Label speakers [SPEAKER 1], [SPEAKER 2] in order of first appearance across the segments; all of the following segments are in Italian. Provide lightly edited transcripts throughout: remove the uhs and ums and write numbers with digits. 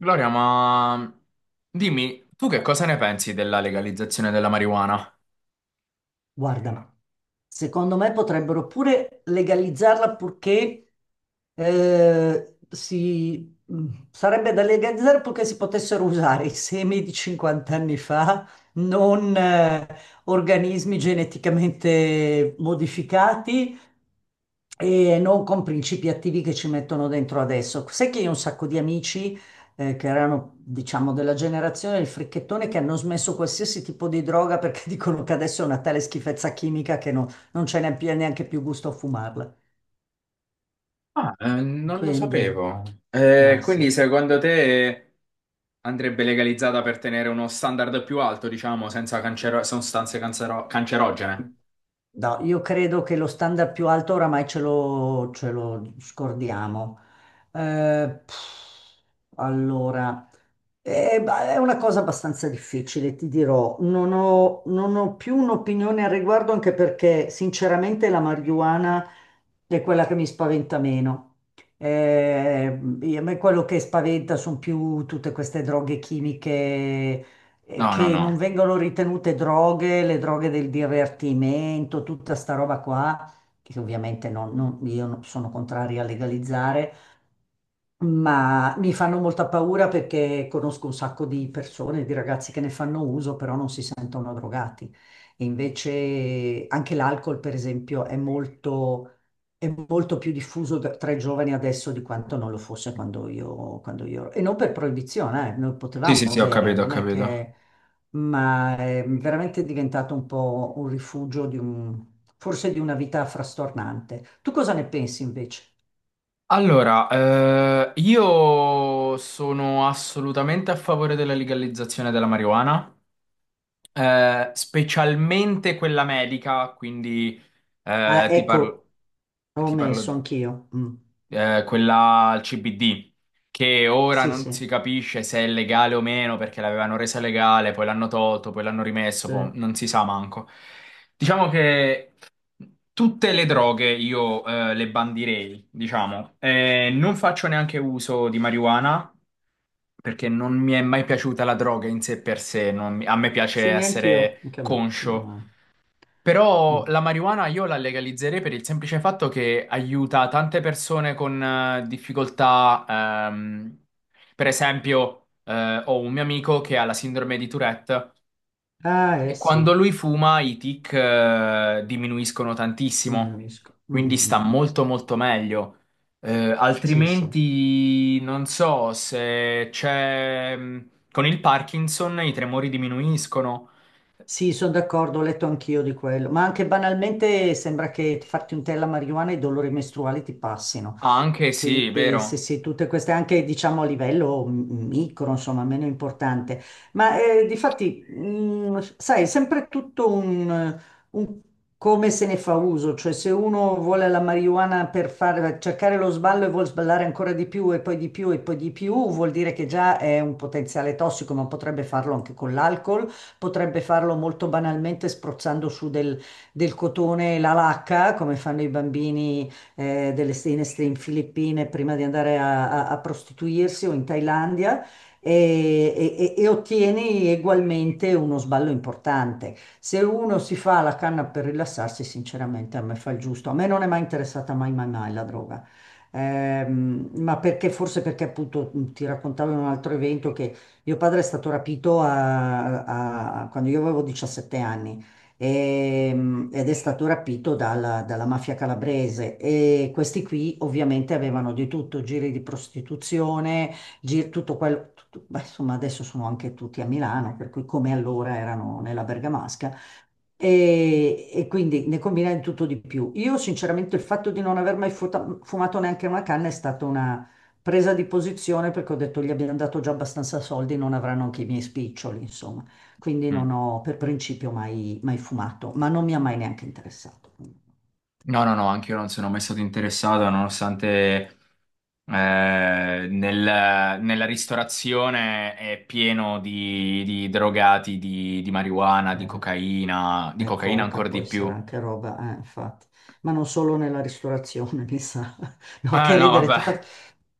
[SPEAKER 1] Gloria, ma dimmi, tu che cosa ne pensi della legalizzazione della marijuana?
[SPEAKER 2] Guarda, ma secondo me potrebbero pure legalizzarla purché si... sarebbe da legalizzare purché si potessero usare i semi di 50 anni fa, non organismi geneticamente modificati e non con principi attivi che ci mettono dentro adesso. Sai che io ho un sacco di amici che erano, diciamo, della generazione del fricchettone che hanno smesso qualsiasi tipo di droga perché dicono che adesso è una tale schifezza chimica che non c'è neanche più gusto a fumarla.
[SPEAKER 1] Non lo
[SPEAKER 2] Quindi,
[SPEAKER 1] sapevo.
[SPEAKER 2] ah
[SPEAKER 1] Quindi
[SPEAKER 2] sì.
[SPEAKER 1] secondo te andrebbe legalizzata per tenere uno standard più alto, diciamo, senza cancero- sostanze cancero- cancerogene?
[SPEAKER 2] No, io credo che lo standard più alto oramai ce lo scordiamo. Allora, è una cosa abbastanza difficile, ti dirò. Non ho più un'opinione al riguardo, anche perché sinceramente la marijuana è quella che mi spaventa meno. Eh, A me quello che spaventa sono più tutte queste droghe chimiche
[SPEAKER 1] No, no,
[SPEAKER 2] che
[SPEAKER 1] no.
[SPEAKER 2] non vengono ritenute droghe, le droghe del divertimento, tutta sta roba qua, che ovviamente non- non- io non- sono contraria a legalizzare, ma mi fanno molta paura perché conosco un sacco di persone, di ragazzi che ne fanno uso, però non si sentono drogati. E invece anche l'alcol, per esempio, è molto più diffuso tra i giovani adesso di quanto non lo fosse quando io. E non per proibizione, noi
[SPEAKER 1] Sì, sì,
[SPEAKER 2] potevamo
[SPEAKER 1] sì, ho
[SPEAKER 2] bere,
[SPEAKER 1] capito, ho
[SPEAKER 2] non è
[SPEAKER 1] capito.
[SPEAKER 2] che... Ma è veramente diventato un po' un rifugio forse di una vita frastornante. Tu cosa ne pensi invece?
[SPEAKER 1] Allora, io sono assolutamente a favore della legalizzazione della marijuana. Specialmente quella medica, quindi
[SPEAKER 2] Ah,
[SPEAKER 1] eh, ti parlo,
[SPEAKER 2] ecco. Ho
[SPEAKER 1] ti parlo
[SPEAKER 2] messo anch'io. Mm.
[SPEAKER 1] quella al CBD, che ora
[SPEAKER 2] Sì,
[SPEAKER 1] non
[SPEAKER 2] sì,
[SPEAKER 1] si capisce se è legale o meno perché l'avevano resa legale, poi l'hanno tolto, poi l'hanno rimesso,
[SPEAKER 2] sì,
[SPEAKER 1] poi non si sa manco. Diciamo che tutte le droghe io le bandirei, diciamo. Non faccio neanche uso di marijuana. Perché non mi è mai piaciuta la droga in sé per sé, non mi- a me piace
[SPEAKER 2] sì, neanch'io,
[SPEAKER 1] essere
[SPEAKER 2] anche a me. No,
[SPEAKER 1] conscio,
[SPEAKER 2] no.
[SPEAKER 1] però
[SPEAKER 2] Mm.
[SPEAKER 1] la marijuana io la legalizzerei per il semplice fatto che aiuta tante persone con difficoltà. Per esempio, ho un mio amico che ha la sindrome di Tourette
[SPEAKER 2] Ah, eh
[SPEAKER 1] e quando
[SPEAKER 2] sì,
[SPEAKER 1] lui fuma i tic, diminuiscono tantissimo,
[SPEAKER 2] diminuisco. Mm,
[SPEAKER 1] quindi
[SPEAKER 2] mm,
[SPEAKER 1] sta
[SPEAKER 2] mm, mm.
[SPEAKER 1] molto molto meglio.
[SPEAKER 2] Sì, sì.
[SPEAKER 1] Altrimenti non so se c'è. Con il Parkinson i tremori diminuiscono.
[SPEAKER 2] Sì, sono d'accordo, ho letto anch'io di quello, ma anche banalmente sembra che farti un tè alla marijuana e i dolori mestruali ti passino.
[SPEAKER 1] Ah, anche sì,
[SPEAKER 2] Quindi sì,
[SPEAKER 1] vero.
[SPEAKER 2] sì, tutte queste anche diciamo a livello micro, insomma, meno importante. Ma difatti, sai, è sempre tutto un come se ne fa uso, cioè se uno vuole la marijuana per fare, cercare lo sballo e vuol sballare ancora di più e poi di più e poi di più, vuol dire che già è un potenziale tossico, ma potrebbe farlo anche con l'alcol, potrebbe farlo molto banalmente spruzzando su del cotone la lacca, come fanno i bambini in Filippine prima di andare a prostituirsi o in Thailandia e ottieni ugualmente uno sballo importante. Se uno si fa la canna per rilassarsi, sinceramente a me fa il giusto. A me non è mai interessata mai, mai, mai la droga. Ma perché forse perché appunto, ti raccontavo in un altro evento che mio padre è stato rapito quando io avevo 17 anni ed è stato rapito dalla mafia calabrese. E questi qui ovviamente avevano di tutto, giri di prostituzione, giri, tutto quello, beh, insomma adesso sono anche tutti a Milano, per cui come allora erano nella Bergamasca. E quindi ne combina di tutto di più. Io sinceramente il fatto di non aver mai fumato neanche una canna è stata una presa di posizione perché ho detto gli abbiamo dato già abbastanza soldi, non avranno anche i miei spiccioli, insomma. Quindi non
[SPEAKER 1] Mm.
[SPEAKER 2] ho per principio mai, mai fumato, ma non mi ha mai neanche interessato.
[SPEAKER 1] No, no, no, anche io non sono mai stato interessato, nonostante nella ristorazione è pieno di drogati, di marijuana,
[SPEAKER 2] Vabbè.
[SPEAKER 1] di
[SPEAKER 2] E
[SPEAKER 1] cocaina
[SPEAKER 2] coca,
[SPEAKER 1] ancora
[SPEAKER 2] poi
[SPEAKER 1] di
[SPEAKER 2] sarà
[SPEAKER 1] più.
[SPEAKER 2] anche roba, infatti, ma non solo nella ristorazione, mi sa. No,
[SPEAKER 1] Ah,
[SPEAKER 2] che
[SPEAKER 1] no,
[SPEAKER 2] ridere,
[SPEAKER 1] vabbè.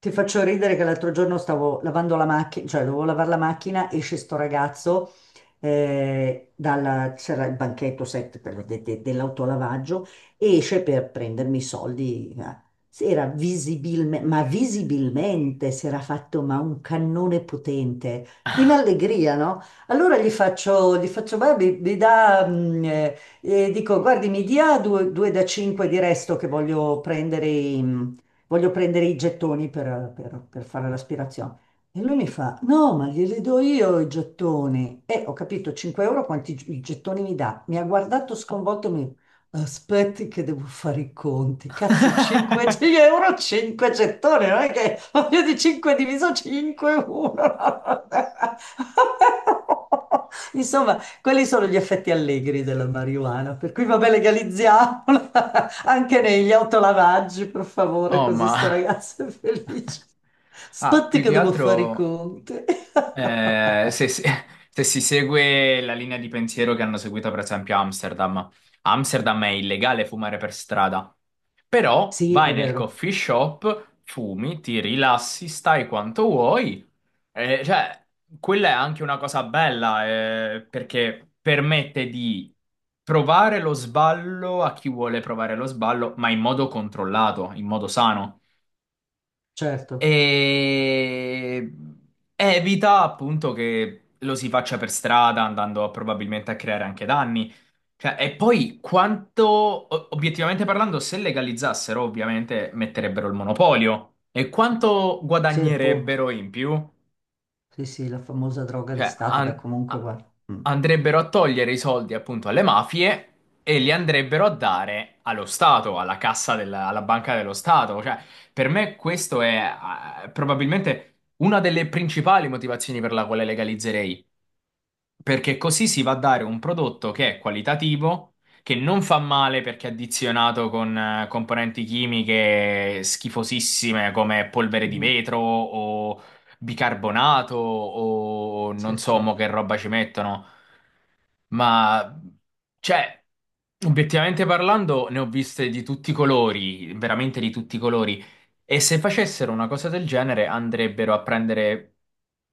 [SPEAKER 2] ti faccio ridere che l'altro giorno stavo lavando la macchina, cioè dovevo lavare la macchina, esce sto ragazzo, c'era il banchetto set dell'autolavaggio, e esce per prendermi i soldi. Si era visibilmente, ma visibilmente si era fatto ma un cannone potente, in allegria, no? Allora gli faccio "Beh, mi dà, dico, guardi, mi dia due da 5 di resto che voglio prendere, voglio prendere i gettoni per fare l'aspirazione. E lui mi fa, no, ma glieli do io i gettoni. E ho capito, 5 euro quanti i gettoni mi dà. Mi ha guardato sconvolto e mi. Aspetti che devo fare i conti. Cazzo, 5 euro, 5 gettoni, non è che voglio di 5 diviso 5, 1. Insomma, quelli sono gli effetti allegri della marijuana, per cui vabbè, legalizziamola anche negli autolavaggi, per favore,
[SPEAKER 1] Oh,
[SPEAKER 2] così
[SPEAKER 1] ma...
[SPEAKER 2] sto ragazzo è felice.
[SPEAKER 1] Ah,
[SPEAKER 2] Aspetti
[SPEAKER 1] più
[SPEAKER 2] che
[SPEAKER 1] che
[SPEAKER 2] devo fare i
[SPEAKER 1] altro
[SPEAKER 2] conti.
[SPEAKER 1] eh, se, se- se si segue la linea di pensiero che hanno seguito per esempio a Amsterdam. A Amsterdam è illegale fumare per strada, però
[SPEAKER 2] Sì,
[SPEAKER 1] vai
[SPEAKER 2] è
[SPEAKER 1] nel
[SPEAKER 2] vero,
[SPEAKER 1] coffee shop, fumi, ti rilassi, stai quanto vuoi, eh, cioè, quella è anche una cosa bella, perché permette di provare lo sballo a chi vuole provare lo sballo, ma in modo controllato, in modo sano.
[SPEAKER 2] certo,
[SPEAKER 1] E evita appunto che lo si faccia per strada, andando probabilmente a creare anche danni. Cioè, e poi obiettivamente parlando, se legalizzassero, ovviamente metterebbero il monopolio. E quanto
[SPEAKER 2] sì, appunto.
[SPEAKER 1] guadagnerebbero in più?
[SPEAKER 2] Sì, sì, la famosa droga di
[SPEAKER 1] Cioè,
[SPEAKER 2] Stato, beh comunque guarda. Mm.
[SPEAKER 1] andrebbero a togliere i soldi appunto alle mafie e li andrebbero a dare allo Stato, alla banca dello Stato. Cioè, per me questo è probabilmente una delle principali motivazioni per la quale legalizzerei, perché così si va a dare un prodotto che è qualitativo, che non fa male perché è addizionato con componenti chimiche schifosissime come polvere di
[SPEAKER 2] Mhm.
[SPEAKER 1] vetro o bicarbonato o
[SPEAKER 2] Sì,
[SPEAKER 1] non so
[SPEAKER 2] sì.
[SPEAKER 1] mo che roba ci mettono. Ma, cioè, obiettivamente parlando, ne ho viste di tutti i colori, veramente di tutti i colori. E se facessero una cosa del genere, andrebbero a prendere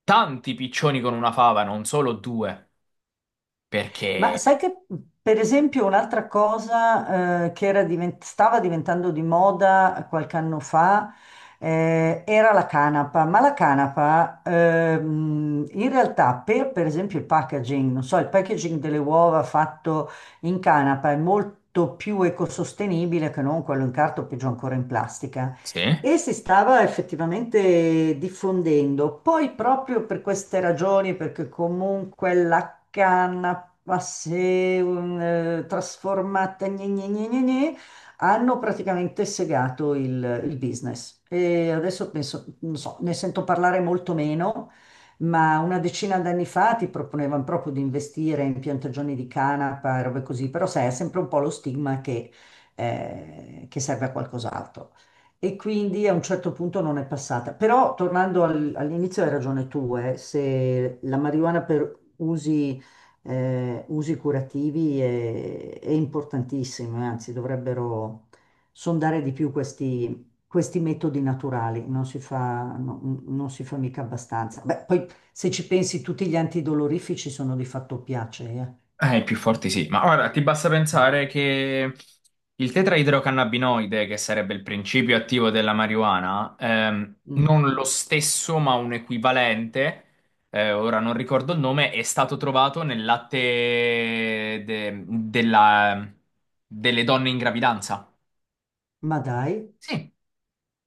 [SPEAKER 1] tanti piccioni con una fava, non solo due.
[SPEAKER 2] Ma
[SPEAKER 1] Perché?
[SPEAKER 2] sai che, per esempio, un'altra cosa che era stava diventando di moda qualche anno fa era la canapa, ma la canapa in realtà per esempio, il packaging, non so, il packaging delle uova fatto in canapa è molto più ecosostenibile che non quello in carta o peggio ancora in plastica.
[SPEAKER 1] Sì?
[SPEAKER 2] E si stava effettivamente diffondendo. Poi proprio per queste ragioni, perché comunque la canapa acqua, se trasformata, gne, gne, gne, gne, gne, hanno praticamente segato il business. E adesso penso, non so, ne sento parlare molto meno, ma una decina d'anni fa ti proponevano proprio di investire in piantagioni di canapa e robe così, però sai, è sempre un po' lo stigma che serve a qualcos'altro e quindi a un certo punto non è passata. Però tornando all'inizio hai ragione tu, se la marijuana per usi curativi è importantissimo, e anzi dovrebbero sondare di più questi metodi naturali, non si fa, non si fa mica abbastanza. Beh, poi se ci pensi tutti gli antidolorifici sono di fatto piacee.
[SPEAKER 1] I più forti sì, ma ora ti basta
[SPEAKER 2] eh.
[SPEAKER 1] pensare che il tetraidrocannabinoide, che sarebbe il principio attivo della marijuana,
[SPEAKER 2] Mm.
[SPEAKER 1] non lo stesso ma un equivalente, ora non ricordo il nome, è stato trovato nel latte de- della- delle donne in gravidanza.
[SPEAKER 2] Ma dai,
[SPEAKER 1] Sì.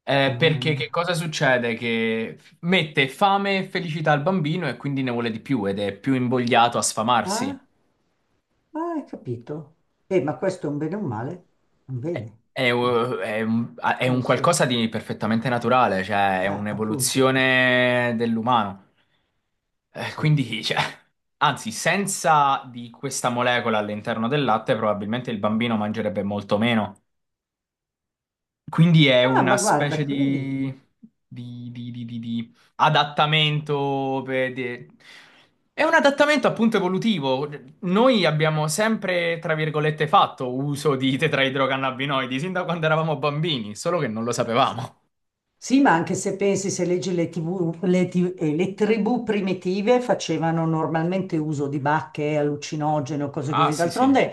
[SPEAKER 2] mamma
[SPEAKER 1] Perché che
[SPEAKER 2] mia.
[SPEAKER 1] cosa succede? Che mette fame e felicità al bambino e quindi ne vuole di più ed è più invogliato a sfamarsi.
[SPEAKER 2] Ah, ah, hai capito? Ma questo è un bene o un male? Un bene, no,
[SPEAKER 1] È un
[SPEAKER 2] sì.
[SPEAKER 1] qualcosa di perfettamente naturale, cioè è
[SPEAKER 2] Appunto,
[SPEAKER 1] un'evoluzione dell'umano. Eh,
[SPEAKER 2] sì.
[SPEAKER 1] quindi, cioè, anzi, senza di questa molecola all'interno del latte, probabilmente il bambino mangerebbe molto meno. Quindi è
[SPEAKER 2] Ah,
[SPEAKER 1] una
[SPEAKER 2] ma
[SPEAKER 1] specie
[SPEAKER 2] guarda, quindi.
[SPEAKER 1] di, di adattamento è un adattamento appunto evolutivo. Noi abbiamo sempre, tra virgolette, fatto uso di tetraidrocannabinoidi sin da quando eravamo bambini, solo che non lo sapevamo.
[SPEAKER 2] Sì, ma anche se pensi, se leggi le TV, le tribù primitive facevano normalmente uso di bacche, allucinogene o cose
[SPEAKER 1] Ah,
[SPEAKER 2] così.
[SPEAKER 1] sì, sì,
[SPEAKER 2] D'altronde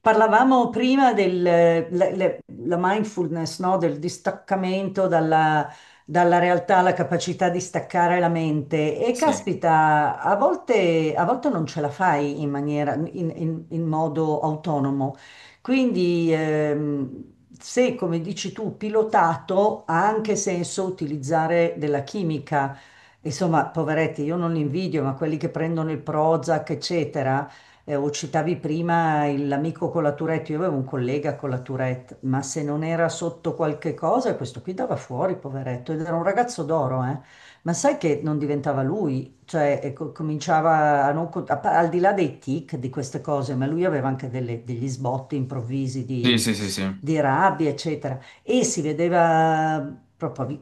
[SPEAKER 2] parlavamo prima della mindfulness, no? Del distaccamento dalla realtà, la capacità di staccare la mente. E
[SPEAKER 1] sì,
[SPEAKER 2] caspita, a volte non ce la fai in modo autonomo. Quindi se, come dici tu, pilotato, ha anche senso utilizzare della chimica. Insomma, poveretti, io non li invidio, ma quelli che prendono il Prozac, eccetera, o citavi prima l'amico con la Tourette, io avevo un collega con la Tourette, ma se non era sotto qualche cosa, questo qui dava fuori, poveretto, ed era un ragazzo d'oro, eh. Ma sai che non diventava lui, cioè cominciava a non, con- a pa- al di là dei tic di queste cose, ma lui aveva anche degli sbotti improvvisi
[SPEAKER 1] sì,
[SPEAKER 2] di,
[SPEAKER 1] sì, sì, sì. E
[SPEAKER 2] di rabbia, eccetera. E si vedeva proprio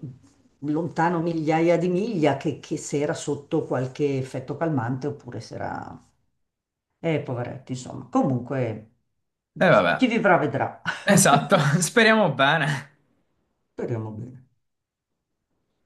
[SPEAKER 2] lontano migliaia di miglia che se era sotto qualche effetto calmante oppure se era. Poveretti, insomma. Comunque, chi
[SPEAKER 1] vabbè,
[SPEAKER 2] vivrà vedrà.
[SPEAKER 1] esatto, speriamo bene.
[SPEAKER 2] Speriamo bene.